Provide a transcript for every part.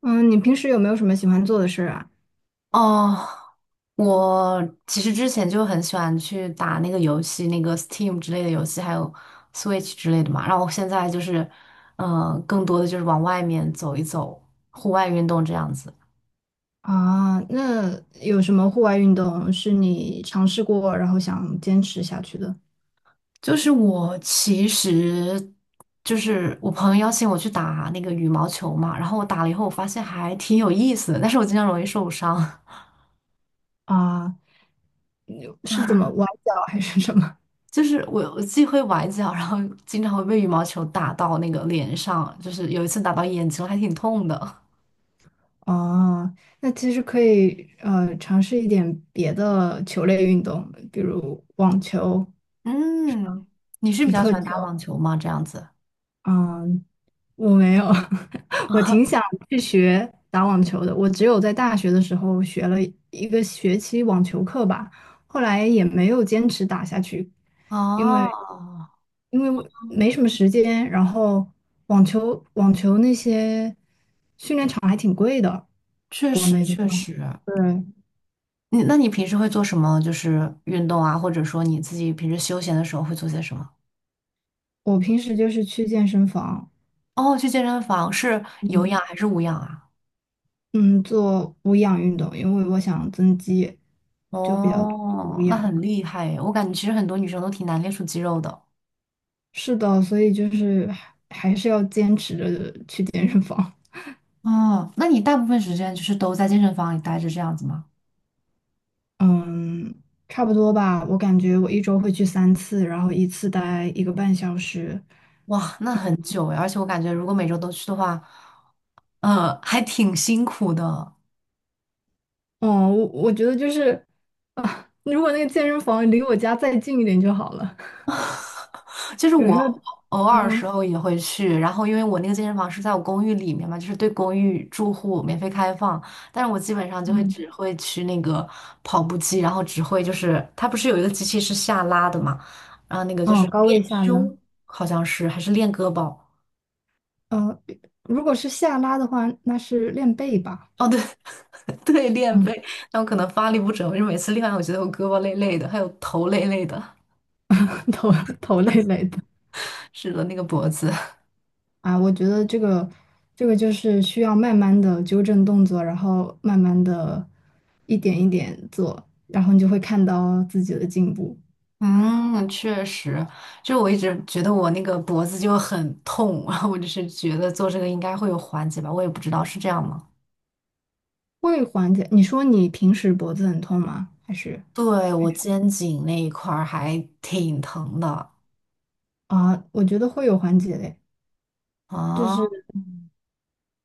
嗯，你平时有没有什么喜欢做的事儿啊？哦，我其实之前就很喜欢去打那个游戏，那个 Steam 之类的游戏，还有 Switch 之类的嘛。然后我现在就是，更多的就是往外面走一走，户外运动这样子。啊，那有什么户外运动是你尝试过，然后想坚持下去的？就是我其实就是我朋友邀请我去打那个羽毛球嘛，然后我打了以后，我发现还挺有意思的，但是我经常容易受伤。啊，有是怎么崴脚还是什么？就是我既会崴脚，然后经常会被羽毛球打到那个脸上，就是有一次打到眼睛，还挺痛的。哦，那其实可以尝试一点别的球类运动，比如网球、嗯，你是比皮较喜克欢打球。网球吗？这样子。嗯，我没有，我挺想去学打网球的。我只有在大学的时候学了一个学期网球课吧，后来也没有坚持打下去，因为哦，因为我没什么时间，然后网球那些训练场还挺贵的，确国实内的确话。实。对，那你平时会做什么？就是运动啊，或者说你自己平时休闲的时候会做些什么？我平时就是去健身房，哦，去健身房是有嗯氧还是无氧啊？嗯，做无氧运动，因为我想增肌，就比较多做无哦，那氧。很厉害诶，我感觉其实很多女生都挺难练出肌肉的。是的，所以就是还是要坚持着去健身房。哦，那你大部分时间就是都在健身房里待着这样子吗？嗯，差不多吧。我感觉我一周会去三次，然后一次待一个半小时。哇，那很久诶，而且我感觉如果每周都去的话，还挺辛苦的。嗯，我觉得就是啊，如果那个健身房离我家再近一点就好了。就是有我时候，偶尔嗯时候也会去，然后因为我那个健身房是在我公寓里面嘛，就是对公寓住户免费开放，但是我基本上就会嗯，只会去那个跑步机，然后只会就是它不是有一个机器是下拉的嘛，然后那个就哦，是高练位下拉，胸，好像是还是练胳膊，呃，如果是下拉的话，那是练背吧。哦对， 对，练背，嗯，但我可能发力不准，我就每次练完我觉得我胳膊累累的，还有头累累的，头头累累的。是的那个脖子。啊，我觉得这个就是需要慢慢的纠正动作，然后慢慢的一点一点做，然后你就会看到自己的进步，嗯，确实，就我一直觉得我那个脖子就很痛，然后我就是觉得做这个应该会有缓解吧，我也不知道是这样吗？会缓解。你说你平时脖子很痛吗？还是对，还我是肩颈那一块儿还挺疼的啊？我觉得会有缓解的，就啊。是嗯，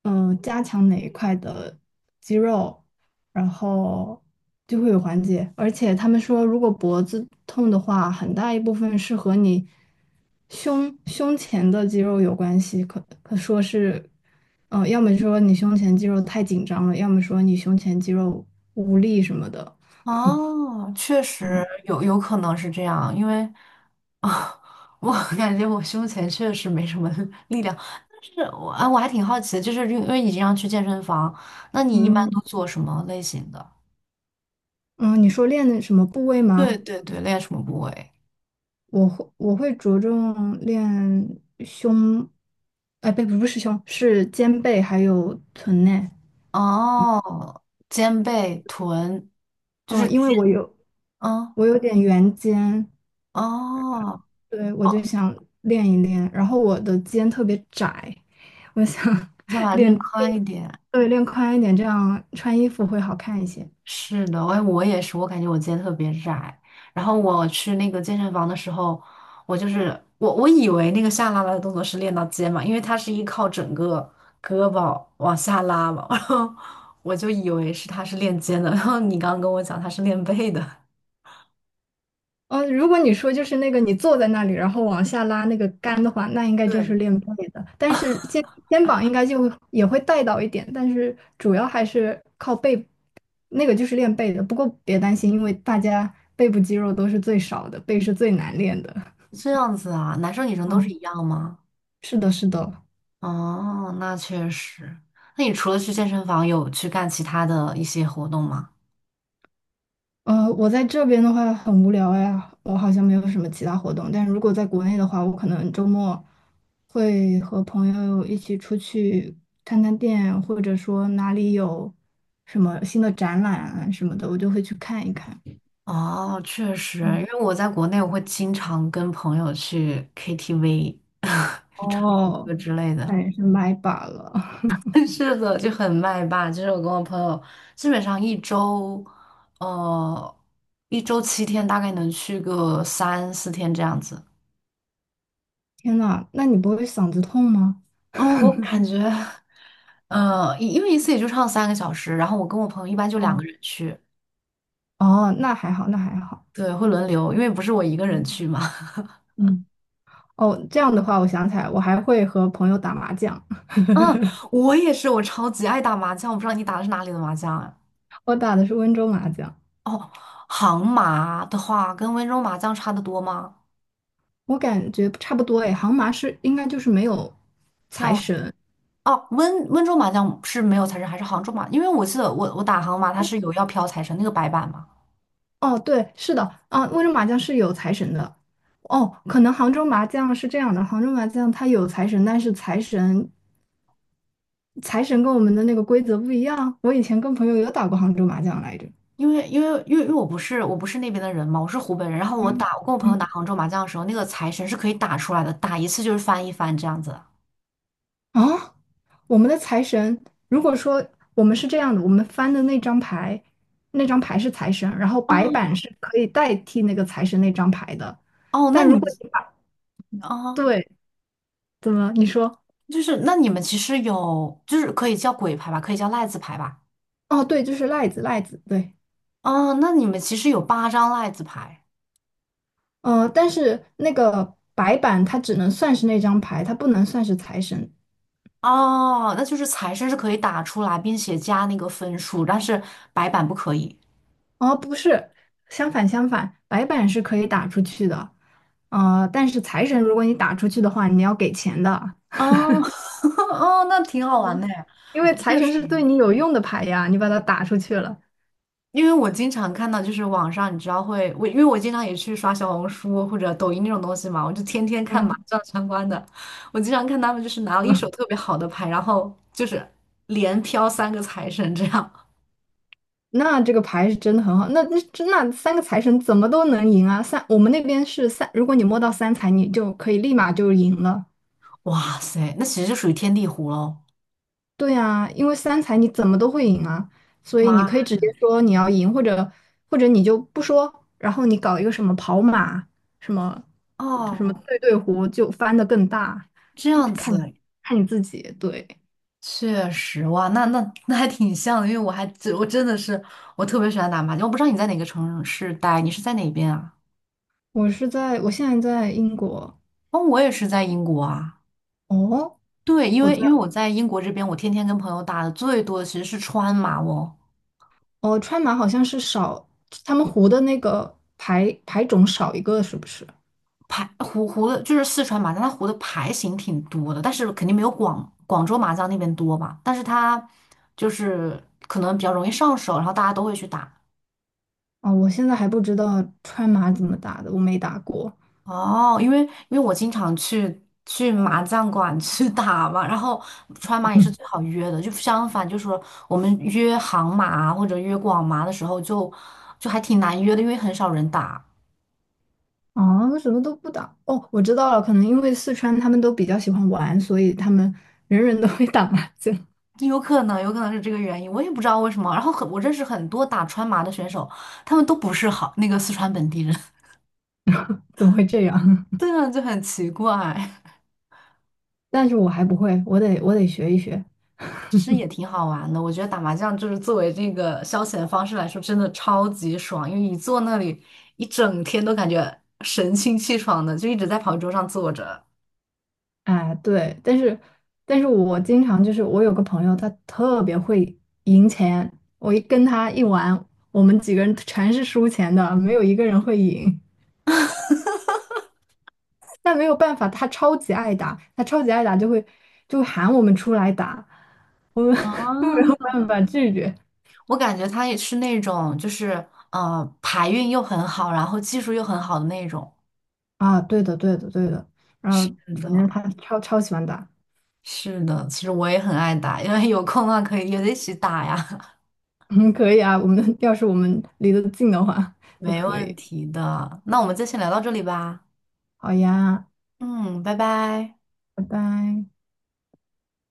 加强哪一块的肌肉，然后就会有缓解。而且他们说，如果脖子痛的话，很大一部分是和你胸前的肌肉有关系，可说是，嗯、要么说你胸前肌肉太紧张了，要么说你胸前肌肉无力什么的。哦，确实嗯，有可能是这样，因为啊，我感觉我胸前确实没什么力量，但是我还挺好奇的，就是因为你经常去健身房，那你一般嗯都做什么类型的？嗯，你说练的什么部位对吗？对对，练什么部位？我会着重练胸，哎，不是胸，是肩背还有臀内。哦，肩背臀，就哦，是因为肩，我有嗯，我有点圆肩，哦，对，我就想练一练。然后我的肩特别窄，我想 想把 它练练宽一点。对练宽一点，这样穿衣服会好看一些。是的，我也是，我感觉我肩特别窄。然后我去那个健身房的时候，我就是我我以为那个下拉拉的动作是练到肩嘛，因为它是依靠整个胳膊往下拉嘛，然后我就以为是它是练肩的。然后你刚刚跟我讲它是练背的，呃，如果你说就是那个你坐在那里，然后往下拉那个杆的话，那应该就是对，练背的。但是肩膀应该就会也会带到一点，但是主要还是靠背，那个就是练背的。不过别担心，因为大家背部肌肉都是最少的，背是最难练的。这样子啊，男生女生都是嗯，一样吗？是的，是的。哦，那确实。那你除了去健身房，有去干其他的一些活动吗？呃，我在这边的话很无聊呀，我好像没有什么其他活动。但如果在国内的话，我可能周末会和朋友一起出去探探店，或者说哪里有什么新的展览啊什么的，我就会去看一看。哦，确实，嗯，因为我在国内，我会经常跟朋友去 KTV，去唱唱歌哦，之类那的。也是麦霸了。是的，就很麦霸。就是我跟我朋友，基本上一周，呃，7天，大概能去个三四天这样子。天呐，那你不会嗓子痛吗？嗯，我感觉，因为一次也就唱3个小时，然后我跟我朋友一般就两个哦，人去。哦，那还好，那还好。对，会轮流，因为不是我一个人去嘛。嗯，哦，这样的话，我想起来，我还会和朋友打麻将，嗯，我也是，我超级爱打麻将。我不知道你打的是哪里的麻将啊？我打的是温州麻将。哦，杭麻的话跟温州麻将差的多吗？我感觉差不多诶，杭麻是应该就是没有财要神。哦，温州麻将是没有财神，还是杭州麻？因为我记得我打杭麻，它是有要飘财神那个白板嘛。哦，对，是的，啊，温州麻将是有财神的。哦，可能杭州麻将是这样的，杭州麻将它有财神，但是财神跟我们的那个规则不一样。我以前跟朋友有打过杭州麻将来着。因为我不是那边的人嘛，我是湖北人。然后我嗯打我跟我朋友打嗯杭州麻将的时候，那个财神是可以打出来的，打一次就是翻一番这样子。啊，我们的财神，如果说我们是这样的，我们翻的那张牌，那张牌是财神，然后白哦板是可以代替那个财神那张牌的。哦，那但你如们果你把，啊。对，怎么？你说？就是那你们其实有，就是可以叫鬼牌吧，可以叫赖子牌吧。哦，对，就是赖子，赖子，对，哦，那你们其实有八张赖子牌呃，但是那个白板它只能算是那张牌，它不能算是财神。哦，那就是财神是可以打出来，并且加那个分数，但是白板不可以。哦，不是，相反，白板是可以打出去的，呃，但是财神如果你打出去的话，你要给钱的，哦，哦，那挺好玩嗯，的 呀，因为我财确神实，是对你有用的牌呀，你把它打出去了，因为我经常看到，就是网上你知道会，我因为我经常也去刷小红书或者抖音那种东西嘛，我就天天看麻嗯，将相关的。我经常看他们就是拿了一手嗯 特别好的牌，然后就是连飘三个财神这样。那这个牌是真的很好，那三个财神怎么都能赢啊？三，我们那边是三，如果你摸到三财，你就可以立马就赢了。哇塞，那其实就属于天地湖喽。对啊，因为三才你怎么都会赢啊，所以你妈可以直接说你要赢，或者你就不说，然后你搞一个什么跑马，什么什么哦，对对胡，就翻的更大，这样看子你自己。对，确实哇，那还挺像的，因为我还只我真的是我特别喜欢打麻将。我不知道你在哪个城市待，你是在哪边啊？我现在在英国，哦，我也是在英国啊。哦，对，因我为在因为我在英国这边，我天天跟朋友打的最多的其实是川麻哦，哦，川马好像是少，他们胡的那个牌种少一个是不是？湖的就是四川麻将，它湖的牌型挺多的，但是肯定没有广州麻将那边多吧。但是它就是可能比较容易上手，然后大家都会去打。哦，我现在还不知道川马怎么打的，我没打过。哦，因为我经常去麻将馆 去打嘛，然后川麻也是 最好约的，就相反，就是说我们约杭麻啊或者约广麻的时候就，就还挺难约的，因为很少人打，哦，什么都不打。哦，我知道了，可能因为四川他们都比较喜欢玩，所以他们人人都会打麻将。有可能有可能是这个原因，我也不知道为什么。然后很我认识很多打川麻的选手，他们都不是好那个四川本地人，怎么会这样？对啊，就很奇怪。但是我还不会，我得学一学。其实也挺好玩的，我觉得打麻将就是作为这个消遣方式来说，真的超级爽，因为一坐那里一整天都感觉神清气爽的，就一直在跑桌上坐着。哎，对，但是我经常就是我有个朋友，他特别会赢钱，我一跟他一玩，我们几个人全是输钱的，没有一个人会赢。但没有办法，他超级爱打，他超级爱打就会喊我们出来打，我们 都没啊，有办法拒绝。我感觉他也是那种，就是牌运又很好，然后技术又很好的那种。啊，对的，对的，对的。然后是的，反正他超喜欢打，是的，其实我也很爱打，因为有空的话可以约着一起打呀，嗯，可以啊。我们要是离得近的话 就没可问以。题的。那我们就先聊到这里吧。好呀，嗯，拜拜。拜拜。